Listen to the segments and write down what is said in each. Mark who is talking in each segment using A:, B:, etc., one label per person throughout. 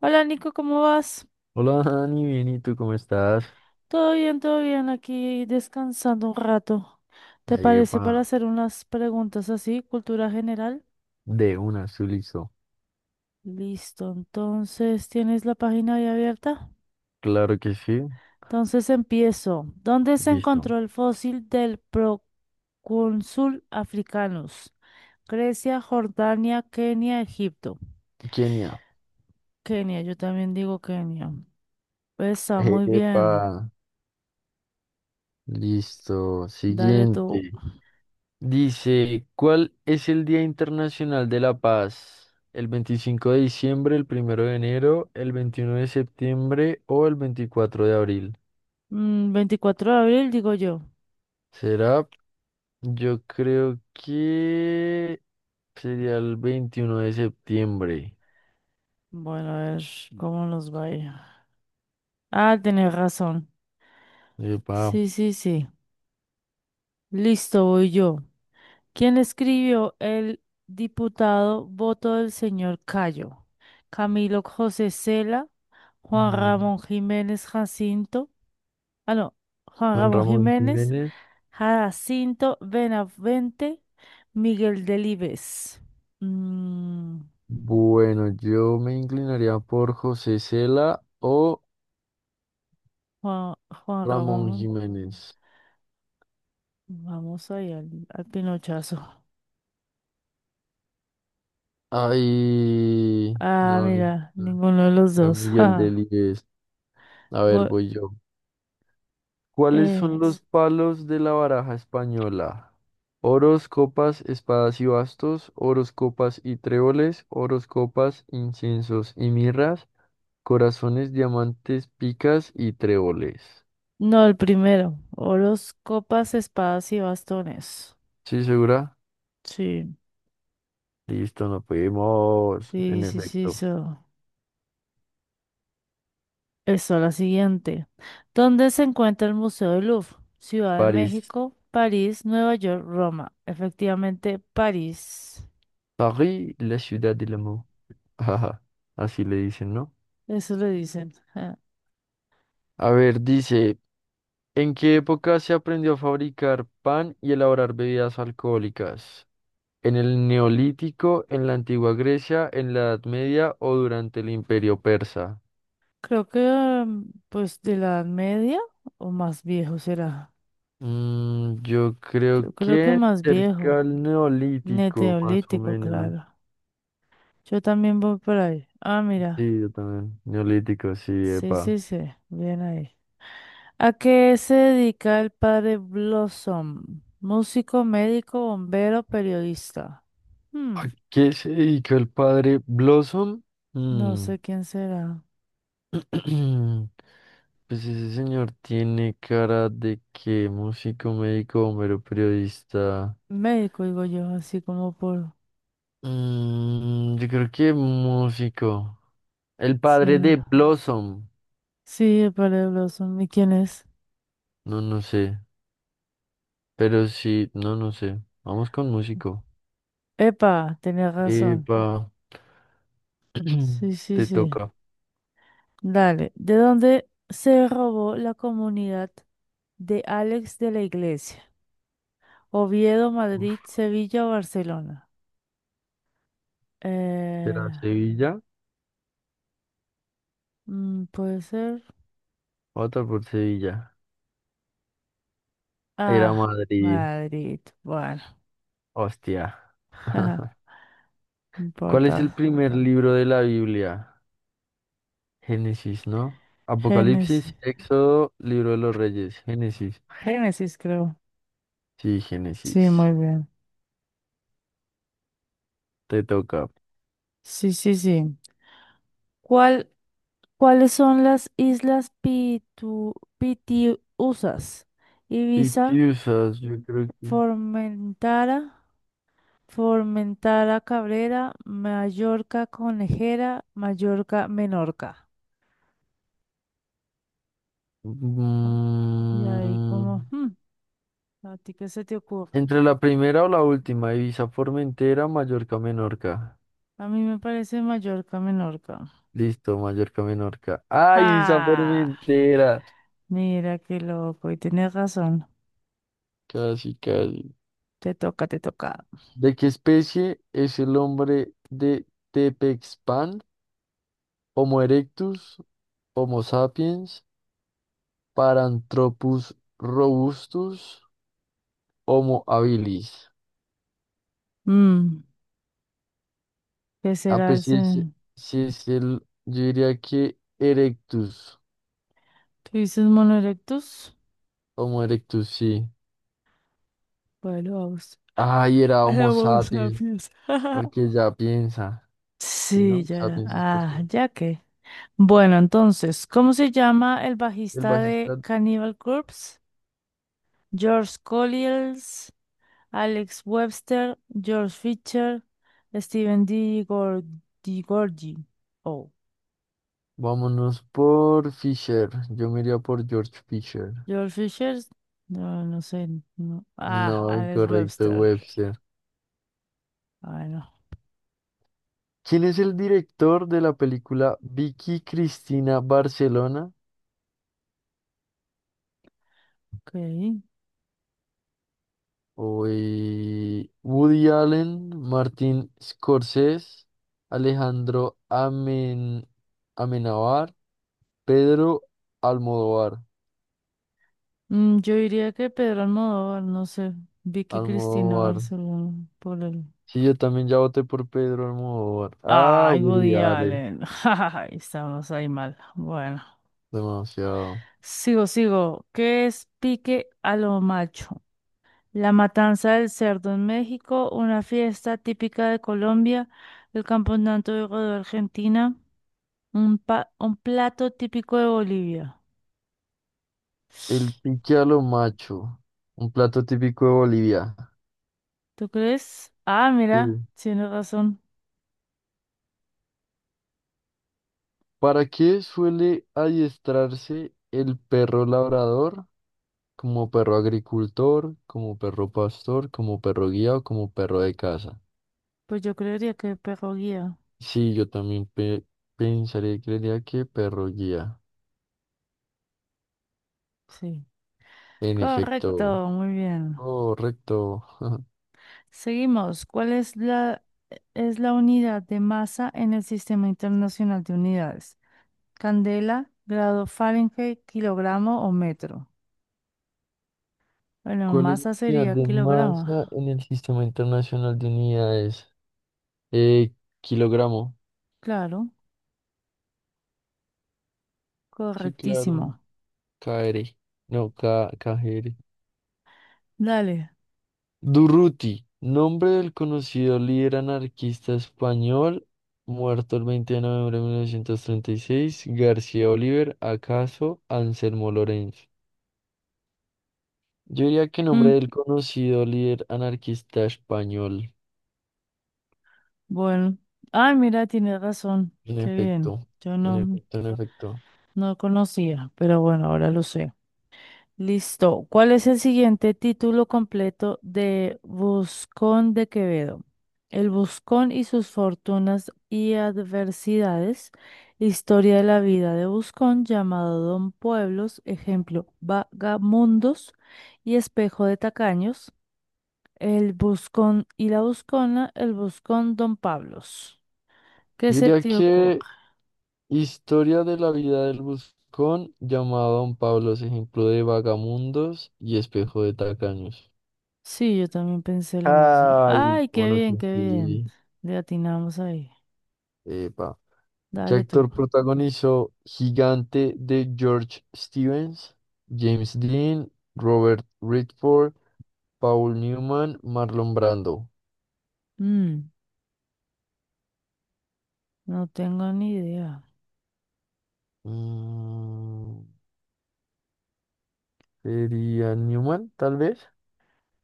A: Hola Nico, ¿cómo vas?
B: Hola Dani, bien, ¿y tú cómo estás?
A: Todo bien, aquí descansando un rato. ¿Te
B: Ahí
A: parece
B: va,
A: para hacer unas preguntas así, cultura general?
B: de una, su listo.
A: Listo, entonces tienes la página ahí abierta.
B: Claro que sí,
A: Entonces empiezo. ¿Dónde se
B: listo.
A: encontró el fósil del procónsul africanus? Grecia, Jordania, Kenia, Egipto.
B: Kenia,
A: Kenia, yo también digo Kenia. Pues, está muy
B: epa,
A: bien.
B: listo.
A: Dale tú.
B: Siguiente. Dice, ¿cuál es el Día Internacional de la Paz? ¿El 25 de diciembre, el primero de enero, el 21 de septiembre o el 24 de abril?
A: 24 de abril, digo yo.
B: ¿Será? Yo creo que sería el 21 de septiembre.
A: Bueno, a ver cómo nos vaya. Ah, tenés razón.
B: Epa,
A: Sí, sí, sí. Listo, voy yo. ¿Quién escribió el diputado voto del señor Cayo? Camilo José Cela, Juan
B: no.
A: Ramón Jiménez, Jacinto. Ah, no, Juan
B: Juan
A: Ramón
B: Ramón
A: Jiménez,
B: Jiménez.
A: Jacinto Benavente, Miguel Delibes. Mm,
B: Bueno, yo me inclinaría por José Cela o
A: Juan, Juan
B: Ramón
A: Ramón,
B: Jiménez.
A: vamos ahí al pinochazo.
B: Ay,
A: Ah,
B: no,
A: mira, ninguno de los
B: era
A: dos.
B: Miguel
A: Ja.
B: Delibes. A ver,
A: Bo-
B: voy yo. ¿Cuáles
A: eh,
B: son los
A: s-
B: palos de la baraja española? Oros, copas, espadas y bastos, oros, copas y tréboles, oros, copas, inciensos y mirras, corazones, diamantes, picas y tréboles.
A: no, el primero. Oros, copas, espadas y bastones.
B: ¿Sí, segura?
A: Sí,
B: Listo, nos fuimos. En
A: sí, sí, sí,
B: efecto.
A: eso. Eso, la siguiente. ¿Dónde se encuentra el Museo del Louvre? Ciudad de
B: París.
A: México, París, Nueva York, Roma. Efectivamente, París.
B: París, la ciudad del amor. Ajá, así le dicen, ¿no?
A: Eso le dicen. Ja.
B: A ver, dice, ¿en qué época se aprendió a fabricar pan y elaborar bebidas alcohólicas? ¿En el Neolítico, en la antigua Grecia, en la Edad Media o durante el Imperio Persa?
A: Creo que, pues, de la Edad Media o más viejo será.
B: Yo creo
A: Yo creo que
B: que
A: más
B: cerca
A: viejo.
B: al Neolítico, más o
A: Neolítico,
B: menos.
A: claro. Yo también voy por ahí. Ah, mira.
B: Sí, yo también. Neolítico, sí,
A: Sí,
B: epa.
A: sí, sí. Bien ahí. ¿A qué se dedica el padre Blossom? Músico, médico, bombero, periodista.
B: ¿A
A: Hmm,
B: qué se dedicó el padre Blossom?
A: no
B: Mm,
A: sé quién será.
B: Pues ese señor tiene cara de que músico, médico, bombero, periodista.
A: Médico, digo yo, así como por...
B: Yo creo que músico. El padre de
A: será.
B: Blossom.
A: Sí, el padre Blossom. ¿Y quién es?
B: No, no sé. Pero sí, no, no sé. Vamos con músico.
A: Epa, tenía razón.
B: Epa,
A: Sí, sí,
B: te
A: sí.
B: toca.
A: Dale. ¿De dónde se robó la comunidad de Alex de la Iglesia? Oviedo, Madrid,
B: Uf,
A: Sevilla o Barcelona.
B: ¿será
A: Eh,
B: Sevilla?
A: puede ser.
B: Otra por Sevilla. Era
A: Ah,
B: Madrid.
A: Madrid. Bueno,
B: Hostia.
A: no
B: ¿Cuál
A: importa.
B: es el primer libro de la Biblia? Génesis, ¿no?
A: Génesis.
B: Apocalipsis, Éxodo, Libro de los Reyes, Génesis.
A: Génesis, creo.
B: Sí,
A: Sí, muy
B: Génesis.
A: bien.
B: Te toca.
A: Sí, sí, sí. ¿Cuál, ¿cuáles son las islas Pitu, Pitiusas? Ibiza,
B: Pitiusas, yo creo que.
A: Formentara, Formentara Cabrera, Mallorca Conejera, Mallorca Menorca. Y ahí
B: Mm,
A: como, "Hmm, ¿a ti qué se te ocurre?
B: Entre la primera o la última, Ibiza, Formentera, Mallorca, Menorca.
A: A mí me parece Mallorca, Menorca.
B: Listo, Mallorca, Menorca. ¡Ay, Ibiza,
A: ¡Ja!
B: Formentera!
A: Mira qué loco, y tienes razón.
B: Casi, casi.
A: Te toca, te toca.
B: ¿De qué especie es el hombre de Tepexpan? Homo erectus. Homo sapiens, Paranthropus robustus, Homo habilis.
A: Mm, ¿Qué
B: Ah,
A: será el...
B: pues
A: se-
B: yo diría que Erectus,
A: ¿Tú dices mono erectus?
B: Homo erectus, sí.
A: Bueno, vamos.
B: Ay, era
A: A la
B: Homo
A: bolsa,
B: sapiens,
A: fiesta.
B: porque ya piensa, ¿sí
A: Sí,
B: no?
A: ya era.
B: Sapiens es
A: Ah,
B: porque
A: ya que. Bueno, entonces, ¿cómo se llama el
B: el
A: bajista de
B: bajista.
A: Cannibal Corpse? George Collins, Alex Webster, George Fisher, Steven D. Gor- D. Oh,
B: Vámonos por Fisher, yo me iría por George Fisher.
A: George Fisher, no, no sé. No. Ah,
B: No,
A: Alex
B: incorrecto,
A: Webster.
B: Webster.
A: Bueno,
B: ¿Quién es el director de la película Vicky Cristina Barcelona?
A: ok.
B: Uy, Woody Allen, Martin Scorsese, Alejandro Amenábar, Pedro Almodóvar.
A: Yo diría que Pedro Almodóvar, no sé. Vicky Cristina
B: Almodóvar.
A: Barcelona, por el.
B: Sí, yo también ya voté por Pedro Almodóvar. Ah,
A: Ay,
B: Woody
A: Woody
B: Allen.
A: Allen. Ay, estamos ahí mal. Bueno,
B: Demasiado.
A: sigo. ¿Qué es pique a lo macho? La matanza del cerdo en México, una fiesta típica de Colombia, el campeonato de rodeo Argentina, un plato típico de Bolivia.
B: El pique a lo macho. Un plato típico de Bolivia.
A: ¿Tú crees? Ah, mira,
B: Sí.
A: tienes razón.
B: ¿Para qué suele adiestrarse el perro labrador? Como perro agricultor, como perro pastor, como perro guía o como perro de casa.
A: Pues yo creería que perro guía.
B: Sí, yo también pensaría y creería que perro guía.
A: Sí.
B: En
A: Correcto,
B: efecto.
A: muy bien.
B: Correcto.
A: Seguimos. ¿Es la unidad de masa en el Sistema Internacional de Unidades? Candela, grado Fahrenheit, kilogramo o metro. Bueno,
B: ¿Cuál es la
A: masa
B: unidad
A: sería
B: de
A: kilogramo.
B: masa en el Sistema Internacional de Unidades? Eh, kilogramo.
A: Claro,
B: Sí, claro.
A: correctísimo.
B: KR. No, K KGR.
A: Dale.
B: Durruti, nombre del conocido líder anarquista español, muerto el 20 de noviembre de 1936. García Oliver, acaso Anselmo Lorenzo. Yo diría que nombre
A: Mm,
B: del conocido líder anarquista español.
A: bueno. Ay, mira, tiene razón.
B: En
A: Qué bien.
B: efecto,
A: Yo
B: en
A: no,
B: efecto, en efecto.
A: no conocía, pero bueno, ahora lo sé. Listo. ¿Cuál es el siguiente título completo de Buscón de Quevedo? El Buscón y sus fortunas y adversidades. Historia de la vida de Buscón, llamado Don Pueblos, ejemplo, Vagamundos y Espejo de Tacaños. El buscón y la buscona, el buscón Don Pablos. ¿Qué
B: Yo
A: se
B: diría
A: te ocurre?
B: que historia de la vida del buscón llamado Don Pablo es ejemplo de vagamundos y espejo de tacaños.
A: Sí, yo también pensé lo mismo.
B: Ay,
A: Ay, qué
B: bueno
A: bien,
B: que
A: qué bien.
B: sí.
A: Le atinamos ahí.
B: ¿Qué
A: Dale tú.
B: actor protagonizó Gigante de George Stevens, James Dean, Robert Redford, Paul Newman, Marlon Brando?
A: Mm, no tengo ni idea.
B: Mm, sería Newman, tal vez.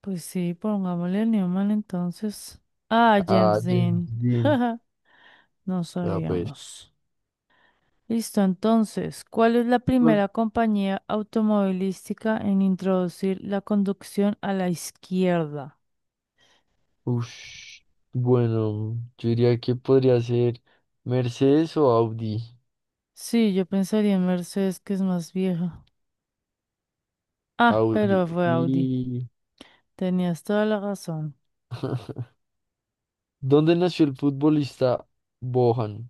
A: Pues sí, pongámosle a Newman entonces. Ah,
B: Ah,
A: James
B: James
A: Dean.
B: Dean.
A: No
B: Ah, pues.
A: sabíamos. Listo, entonces, ¿cuál es la
B: ¿Cuál?
A: primera compañía automovilística en introducir la conducción a la izquierda?
B: Ush. Bueno, yo diría que podría ser Mercedes o Audi.
A: Sí, yo pensaría en Mercedes, que es más vieja. Ah,
B: Audi.
A: pero fue Audi.
B: ¿Y
A: Tenías toda la razón.
B: dónde nació el futbolista Bohan?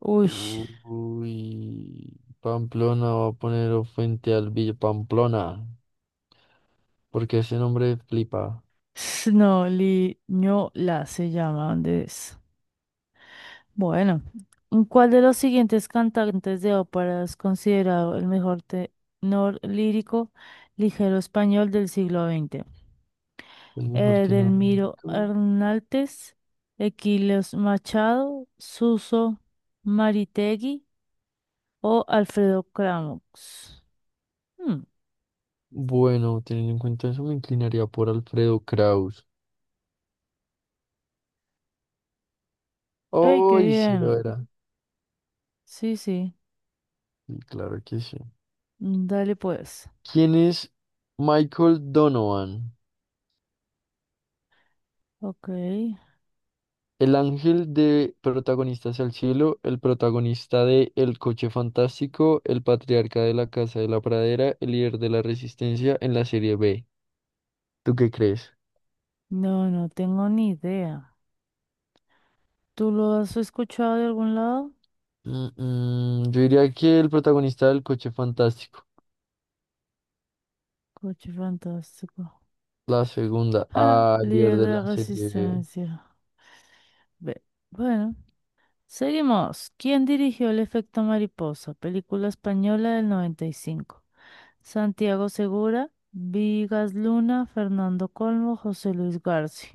A: Uy,
B: Uy, Pamplona va a poner o frente al Villa Pamplona, porque ese nombre flipa.
A: la se llama, ¿dónde es? Bueno, ¿cuál de los siguientes cantantes de ópera es considerado el mejor tenor lírico ligero español del siglo XX?
B: El mejor tenor
A: Edelmiro
B: mexicano.
A: Hernández, Equilios Machado, Suso Maritegui o Alfredo Kramox.
B: Bueno, teniendo en cuenta eso, me inclinaría por Alfredo Kraus.
A: ¡Ey, qué
B: ¡Ay, sí lo
A: bien!
B: era!
A: Sí, sí.
B: Y claro que sí.
A: Dale pues.
B: ¿Quién es Michael Donovan?
A: Ok.
B: El ángel de Protagonistas al Cielo, el protagonista de El Coche Fantástico, el patriarca de la Casa de la Pradera, el líder de la Resistencia en la serie B. ¿Tú qué crees?
A: No, no tengo ni idea. ¿Tú lo has escuchado de algún lado?
B: Yo diría que el protagonista del Coche Fantástico.
A: Coche fantástico.
B: La segunda,
A: ¡Ja!
B: ah, líder
A: Líder
B: de
A: de la
B: la serie.
A: resistencia. Ve. Bueno, seguimos. ¿Quién dirigió El efecto mariposa? Película española del 95. Santiago Segura, Vigas Luna, Fernando Colmo, José Luis García.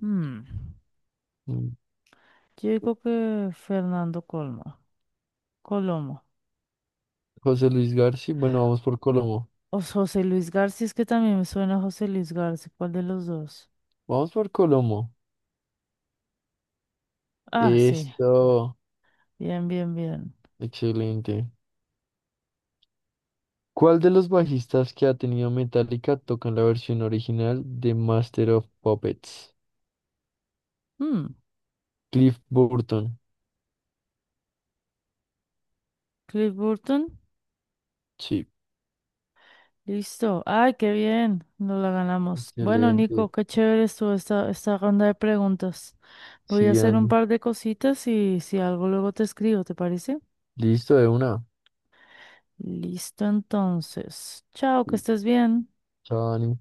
A: Hmm.
B: mm,
A: Yo digo que Fernando Colmo. Colomo.
B: José Luis García. Bueno, vamos por Colomo.
A: O José Luis García, es que también me suena José Luis García. ¿Cuál de los dos?
B: Vamos por Colomo.
A: Ah, sí.
B: Eso.
A: Bien, bien, bien.
B: Excelente. ¿Cuál de los bajistas que ha tenido Metallica toca en la versión original de Master of Puppets?
A: Mm,
B: Cliff Burton.
A: Cliff Burton.
B: Sí.
A: Listo. Ay, qué bien. Nos la ganamos. Bueno, Nico,
B: Excelente.
A: qué chévere estuvo esta, esta ronda de preguntas. Voy a
B: Sí,
A: hacer un
B: Dani.
A: par de cositas y si algo luego te escribo, ¿te parece?
B: Listo, de una.
A: Listo, entonces. Chao, que
B: Sí.
A: estés bien.
B: Chao, Dani.